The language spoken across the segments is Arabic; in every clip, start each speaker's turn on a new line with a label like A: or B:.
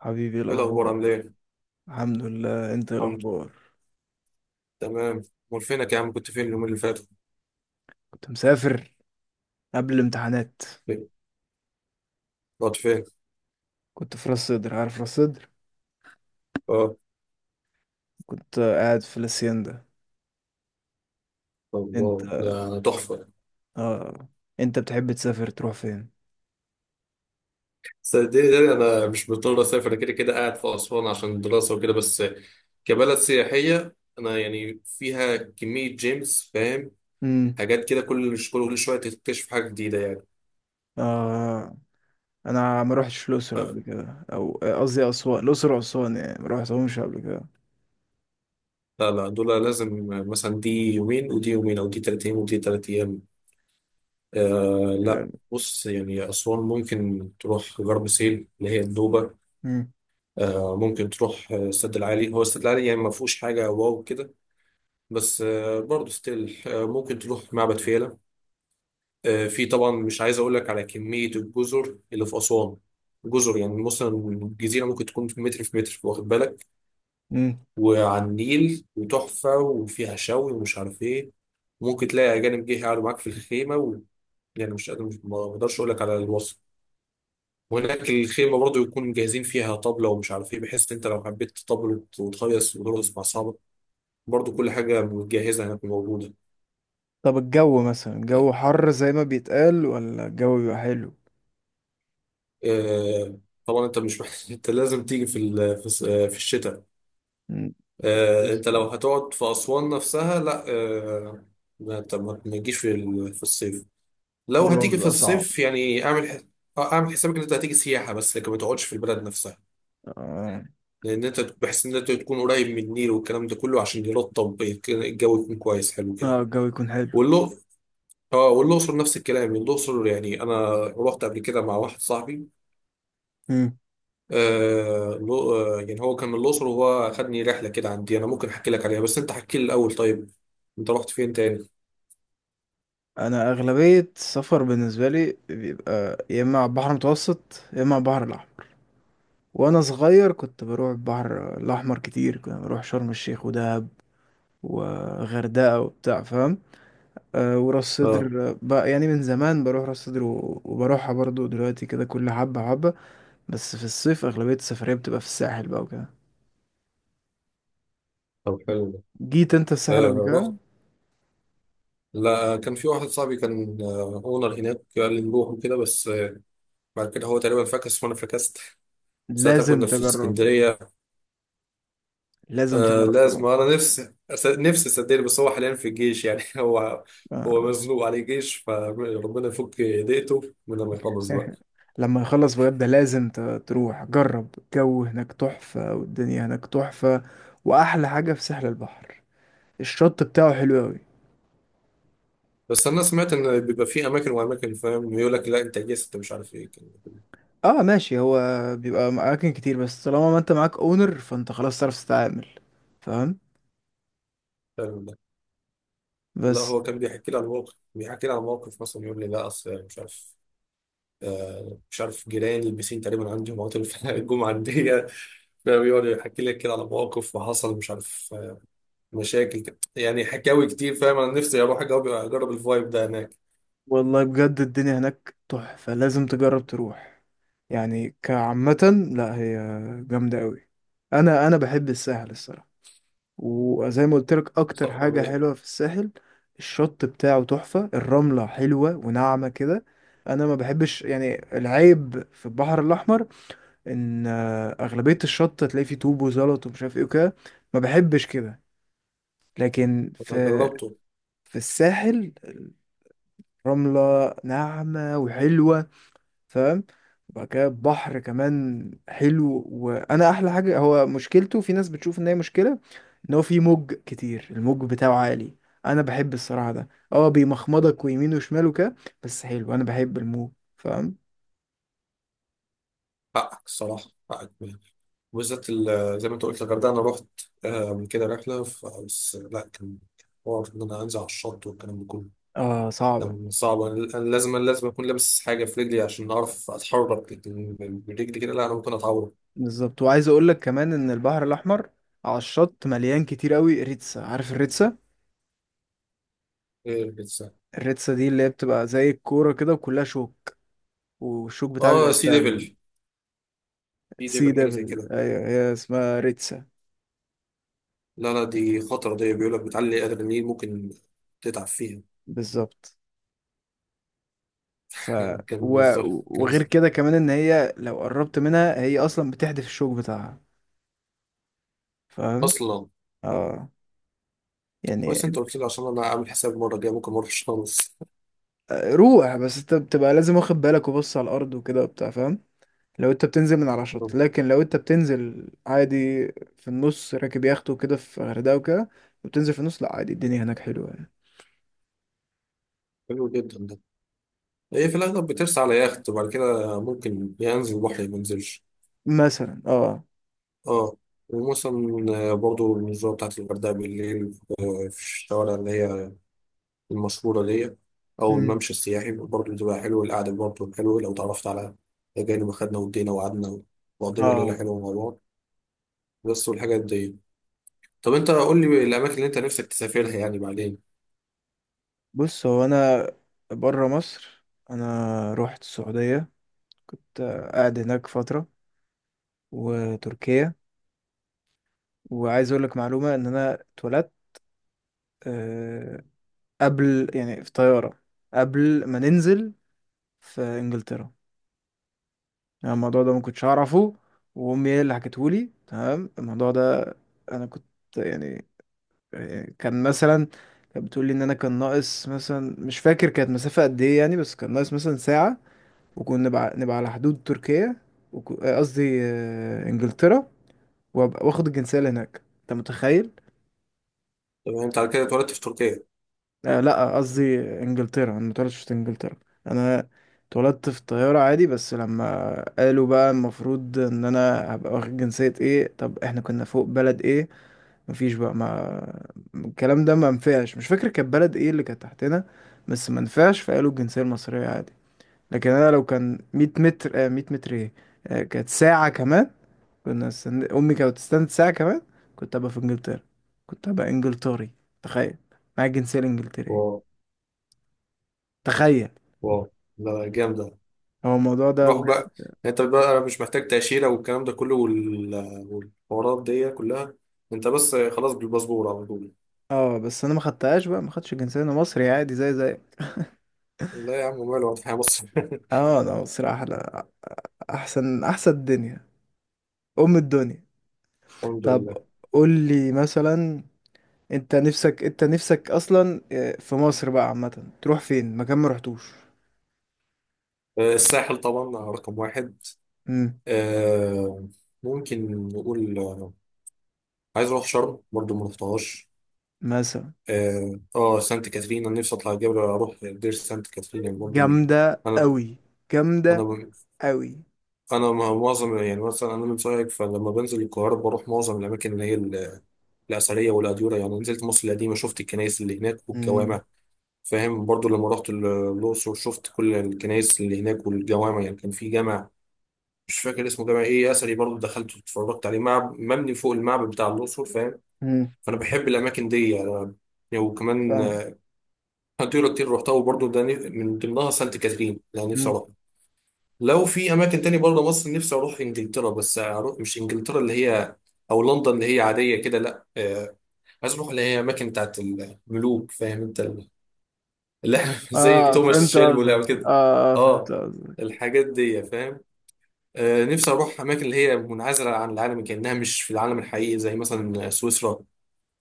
A: حبيبي، إيه
B: ايه الاخبار
A: الأخبار؟
B: عامل ايه؟
A: الحمد لله. أنت إيه
B: الحمد لله.
A: الأخبار؟
B: تمام. امال فينك يا عم؟ كنت فين اليومين اللي فاتوا؟
A: كنت مسافر قبل الامتحانات.
B: فين؟ رحت فين؟
A: كنت في راس سدر، عارف راس سدر؟
B: اه.
A: كنت قاعد في الاسيندا. أنت؟
B: الله ده انا تحفه.
A: آه. أنت بتحب تسافر تروح فين؟
B: صدقني ده انا مش مضطر اسافر، انا كده كده قاعد في اسوان عشان الدراسه وكده، بس كبلد سياحيه انا يعني فيها كميه جيمس، فاهم؟
A: امم.
B: حاجات كده، كل كل شويه تكتشف حاجه جديده يعني.
A: آه أنا ما روحتش الأقصر
B: آه،
A: قبل كده أو قصدي أسوان، الأقصر وأسوان يعني ما روحتهمش قبل كده.
B: لا لا، دول لازم مثلا دي يومين ودي يومين، او دي تلات ايام ودي تلات ايام. آه لا.
A: يعني.
B: بص يعني اسوان ممكن تروح غرب سهيل اللي هي النوبه،
A: امم.
B: ممكن تروح السد العالي، هو السد العالي يعني ما فيهوش حاجة واو كده، بس برضه ستيل ممكن تروح معبد فيلة. في طبعا، مش عايز أقول لك على كمية الجزر اللي في أسوان. جزر يعني مثلا الجزيرة ممكن تكون في متر في متر، واخد بالك؟
A: امم.
B: وعلى النيل وتحفة وفيها شوي ومش عارف إيه. ممكن تلاقي أجانب جه يقعدوا معاك في الخيمة و... يعني مش قادر، مش ما أقدرش أقول لك على الوصف. وهناك الخيمة برضه يكون جاهزين فيها طبلة ومش عارف إيه، بحيث إن أنت لو حبيت تطبل وتخيص وترقص مع أصحابك، برضو كل حاجة متجهزة هناك موجودة.
A: طب الجو مثلا، الجو حر زي ما بيتقال، ولا الجو بيبقى حلو؟
B: آه، طبعا انت مش محتاج انت لازم تيجي في ال- في الس- آه، في الشتاء
A: مم.
B: انت لو هتقعد في أسوان نفسها لا، آه، ما انت ما تجيش في الصيف. لو
A: الجو
B: هتيجي في
A: بيبقى صعب.
B: الصيف يعني اعمل اعمل حسابك ان انت هتيجي سياحة بس، لكن ما تقعدش في البلد نفسها،
A: آه.
B: لان انت بحيث ان انت تكون قريب من النيل والكلام ده كله عشان يرطب الجو يكون كويس حلو كده.
A: اه، الجو يكون حلو.
B: واللو، اه، والاقصر نفس الكلام. الاقصر يعني انا رحت قبل كده مع واحد صاحبي،
A: مم.
B: يعني هو كان من الأقصر، وهو خدني رحلة كده، عندي أنا ممكن أحكي لك عليها، بس أنت حكي لي الأول. طيب أنت رحت فين تاني؟
A: انا اغلبيه السفر بالنسبه لي بيبقى يا اما على البحر المتوسط يا اما على البحر الاحمر. وانا صغير كنت بروح البحر الاحمر كتير، كنت بروح شرم الشيخ ودهب وغردقه وبتاع، فاهم؟ أه، وراس
B: أه.
A: صدر بقى يعني من زمان بروح راس صدر وبروحها برضو دلوقتي كده، كل حبه حبه. بس في الصيف اغلبيه السفريه بتبقى في الساحل بقى وكده.
B: طب حلو ده.
A: جيت انت الساحل قبل
B: آه
A: كده
B: رحت،
A: انا؟
B: لا كان في واحد صاحبي كان أونر هناك، قال لي نروح وكده، بس آه، بعد كده هو تقريبا فكس وأنا فكست. ساعتها
A: لازم
B: كنا
A: كنت
B: في
A: تجرب.
B: اسكندرية.
A: لازم
B: آه
A: تجرب
B: لازم،
A: تروح.
B: أنا نفسي نفسي صدقني، بس هو حاليا في الجيش يعني هو هو
A: آه.
B: مزنوق عليه جيش، فربنا يفك ضيقته من لما يخلص بقى.
A: لما يخلص بجد، لازم تروح جرب الجو هناك تحفة، والدنيا هناك تحفة. وأحلى حاجة في ساحل البحر، الشط بتاعه حلو أوي.
B: بس انا سمعت ان بيبقى في اماكن واماكن، فاهم؟ يقول لك لا انت جاي انت مش عارف ايه كان،
A: اه ماشي، هو بيبقى أماكن كتير بس طالما ما انت معاك اونر فانت خلاص تعرف تتعامل. فاهم؟
B: فاهم ده. لا
A: بس
B: هو كان بيحكي لي عن موقف، بيحكي لي عن موقف مثلا، يقول لي لا اصل مش عارف، آه مش عارف، جيراني البسين تقريبا عندي، مواطن في الجمعه عندي، فاهم؟ يقعد يحكي لك كده على مواقف وحصل مش عارف مشاكل كده. يعني حكاوي كتير، فاهم، انا نفسي اروح أجرب الفايب ده هناك
A: والله بجد الدنيا هناك تحفة، لازم تجرب تروح. يعني كعامة، لا هي جامدة أوي. أنا بحب الساحل الصراحة. وزي ما قلت لك، اكتر
B: صراحة.
A: حاجة حلوة في الساحل، الشط بتاعه تحفة، الرملة حلوة وناعمة كده. انا ما بحبش يعني، العيب في البحر الاحمر ان اغلبية الشط تلاقي فيه طوب وزلط ومش عارف ايه وكده. ما بحبش كده. لكن
B: انا
A: في
B: جربته،
A: في الساحل، الرملة ناعمة وحلوة. فاهم؟ وبعد كده بحر كمان حلو، وانا احلى حاجه هو، مشكلته في ناس بتشوف ان هي مشكله، ان هو في موج كتير، الموج بتاعه عالي. انا بحب الصراحه، ده اه بيمخمضك ويمين وشمال وكده. بس حلو، انا بحب الموج. فاهم؟
B: حقك الصراحه، حقك. وبالذات زي ما انت قلت الغردقه، انا رحت من كده رحله، بس لا، كان حوار ان انا انزل على الشط والكلام ده كله.
A: اه صعبه.
B: كان صعب، أنا لازم اكون لابس حاجه في رجلي عشان اعرف اتحرك، لكن برجلي كده لا، انا ممكن اتعور.
A: بالظبط. وعايز اقول لك كمان ان البحر الاحمر على الشط مليان كتير قوي ريتسا، عارف الريتسا؟
B: إيه الإنسان؟
A: الريتسا دي اللي هي بتبقى زي الكوره كده، وكلها شوك، والشوك بتاعها
B: اه
A: بيبقى
B: سي
A: سام.
B: ديفل، سي
A: سي
B: ديفل، حاجه زي
A: ديفل،
B: كده.
A: ايوه، هي اسمها ريتسا.
B: لا لا، دي خطره دي، بيقول لك بتعلي ادرينالين، ممكن تتعب فيها.
A: بالظبط. ف
B: كان
A: و...
B: بالظبط، كان
A: وغير كده كمان، ان هي لو قربت منها هي اصلا بتحدف الشوك بتاعها. فاهم؟
B: اصلا.
A: اه. يعني.
B: كويس انت قلت لي، عشان انا عامل حساب المره الجايه ممكن ما اروحش خالص.
A: روح بس انت بتبقى لازم واخد بالك وبص على الارض وكده وبتاع، فاهم؟ لو انت بتنزل من على شط، لكن لو انت بتنزل عادي في النص راكب يخت وكده في غردقة وكده، وبتنزل في النص لا عادي، الدنيا هناك حلوة يعني.
B: حلو جدا ده. هي في الأغلب بترسى على يخت، وبعد كده ممكن يا ينزل البحر يا ما ينزلش.
A: مثلا، اه.
B: اه. ومثلا برضو النزهة بتاعت الغردقة بالليل، في الشوارع اللي هي المشهورة دي، أو
A: مم.
B: الممشى السياحي، برضو بتبقى حلو، القعدة برضو حلوة لو تعرفت على أجانب، أخدنا ودينا وقعدنا وقضينا ليلة
A: اه
B: حلوة مع بعض، بس والحاجات دي. طب أنت قول لي الأماكن اللي أنت نفسك تسافرها يعني بعدين.
A: بص، هو انا بره مصر انا روحت السعودية. كنت قاعد هناك فترة، وتركيا. وعايز اقول لك معلومة، ان انا اتولدت آه، قبل يعني في طيارة قبل ما ننزل في انجلترا. يعني الموضوع ده ما كنتش اعرفه، وامي هي اللي حكته لي، تمام الموضوع ده. انا كنت يعني يعني كان مثلا. كانت بتقول لي ان انا كان ناقص مثلا، مش فاكر كانت مسافة قد ايه يعني، بس كان ناقص مثلا ساعة. وكنا نبقى على حدود تركيا. قصدي انجلترا. وابقى واخد الجنسية اللي هناك، انت متخيل؟
B: طب أنت على كده اتولدت في تركيا؟
A: آه لا، قصدي انجلترا، انا متولدتش في انجلترا. انا اتولدت في طيارة عادي، بس لما قالوا بقى المفروض ان انا هبقى واخد جنسية ايه، طب احنا كنا فوق بلد ايه؟ مفيش بقى، ما الكلام ده ما نفعش، مش فاكر كانت بلد ايه اللي كانت تحتنا. بس ما نفعش، فقالوا الجنسية المصرية عادي. لكن انا لو كان 100 متر، 100 متر ايه، آه، كانت ساعة كمان. كنا امي كانت تستنى ساعة كمان. كنت هبقى في انجلترا، كنت هبقى انجلتري، تخيل، معايا الجنسية الانجلترية،
B: واو.
A: تخيل.
B: واو، ده جامدة.
A: هو الموضوع ده
B: روح
A: بجد.
B: بقى يعني، انت بقى مش محتاج تأشيرة والكلام ده كله والحوارات دي كلها، انت بس خلاص بالباسبور على طول.
A: اه بس انا ما خدتهاش بقى، ما خدتش الجنسيه، انا مصري عادي، زي
B: لا يا عم، ماله، واضح يا مصر.
A: اه، انا مصري احلى. احسن احسن الدنيا. ام الدنيا.
B: الحمد
A: طب
B: لله.
A: قول لي مثلا، انت نفسك اصلا في مصر بقى عامه تروح فين مكان ما رحتوش؟
B: الساحل طبعا، رقم واحد.
A: امم.
B: آه، ممكن نقول عايز اروح شرم برضه، ما رحتهاش.
A: مثلا.
B: اه، سانت كاترين، انا نفسي اطلع الجبل، اروح دير سانت كاترين، يعني برضه من
A: جامده
B: انا،
A: قوي. جامده
B: انا
A: قوي.
B: انا معظم يعني، مثلا انا من سوهاج، فلما بنزل القاهره بروح معظم الاماكن اللي هي الأثرية والأديرة، يعني نزلت مصر القديمة، شفت الكنائس اللي هناك
A: امم.
B: والجوامع، فاهم؟ برضو لما رحت الأقصر شفت كل الكنائس اللي هناك والجوامع، يعني كان في جامع مش فاكر اسمه، جامع ايه أثري، برضو دخلت واتفرجت عليه، معب مبني فوق المعبد بتاع الأقصر، فاهم؟
A: امم.
B: فأنا بحب الأماكن دي يعني. يعني وكمان
A: فاهم.
B: أديرة كتير رحتها، وبرضو ده من ضمنها سانت كاترين اللي أنا نفسي
A: امم.
B: أروحها. لو في أماكن تاني برضه مصر، نفسي أروح إنجلترا، بس أروح مش إنجلترا اللي هي أو لندن اللي هي عادية كده، لا، حسبه اللي هي اماكن بتاعت الملوك، فاهم انت اللي احنا زي
A: اه
B: توماس
A: فهمت
B: شيلبي اللي
A: قصدك،
B: عمل
A: اه،
B: كده.
A: فهمت
B: اه،
A: قصدك
B: الحاجات دي، فاهم؟ آه نفسي اروح اماكن اللي هي منعزله عن العالم، كانها مش في العالم الحقيقي، زي مثلا سويسرا،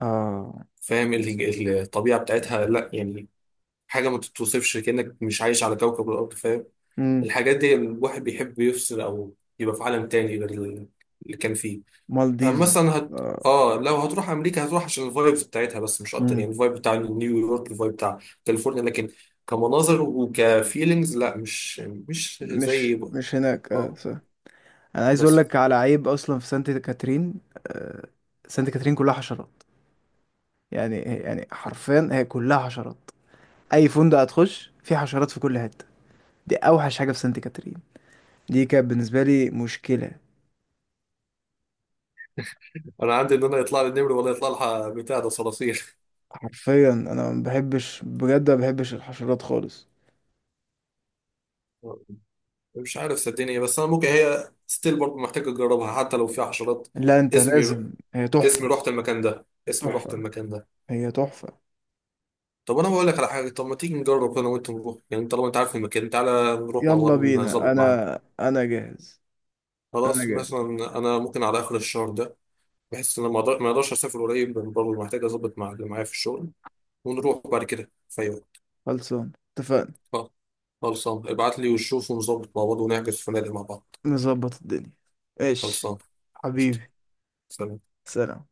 A: اه.
B: فاهم الطبيعه بتاعتها لا يعني، حاجه ما تتوصفش، كانك مش عايش على كوكب الارض، فاهم؟
A: امم.
B: الحاجات دي الواحد بيحب يفصل او يبقى في عالم تاني غير اللي كان فيه.
A: مالديفز.
B: مثلا هت...
A: اه،
B: اه لو هتروح امريكا هتروح عشان الفايبز بتاعتها بس، مش اكتر، يعني الفايب بتاع نيويورك، الفايب بتاع كاليفورنيا، لكن كمناظر وكفيلينجز لا، مش
A: مش
B: زي.
A: مش هناك، اه،
B: اه.
A: صح. انا عايز اقول
B: بس
A: لك على عيب اصلا في سانت كاترين. آه، سانت كاترين كلها حشرات. يعني حرفيا هي كلها حشرات. اي فندق هتخش فيه حشرات في كل حته. دي اوحش حاجه في سانت كاترين. دي كانت بالنسبه لي مشكله.
B: انا عندي ان انا يطلع لي النمر ولا يطلع لها بتاع ده صراصير.
A: حرفيا انا ما بحبش بجد، ما بحبش الحشرات خالص.
B: مش عارف صدقني، بس انا ممكن هي ستيل برضه محتاجه اجربها حتى لو فيها حشرات.
A: لا انت
B: اسمي،
A: لازم، هي تحفه.
B: رحت المكان ده، اسمي رحت
A: تحفه.
B: المكان ده.
A: هي تحفه.
B: طب انا بقول لك على حاجه، طب ما تيجي نجرب انا وانت نروح، يعني طالما انت عارف المكان تعالى نروح مع بعض،
A: يلا بينا
B: نظبط معاك.
A: انا. انا جاهز. انا
B: خلاص،
A: جاهز.
B: مثلا انا ممكن على اخر الشهر ده، بحس ان انا ما اقدرش اسافر قريب لأن برضه محتاج اظبط مع اللي معايا في الشغل، ونروح بعد كده في أي وقت.
A: خلصان. اتفقنا.
B: خلاص. خلصان، ابعت لي وشوف، ونظبط مع بعض ونحجز فنادق مع بعض.
A: نظبط الدنيا. ماشي.
B: خلصان. قشطة.
A: حبيبي.
B: سلام
A: سلام.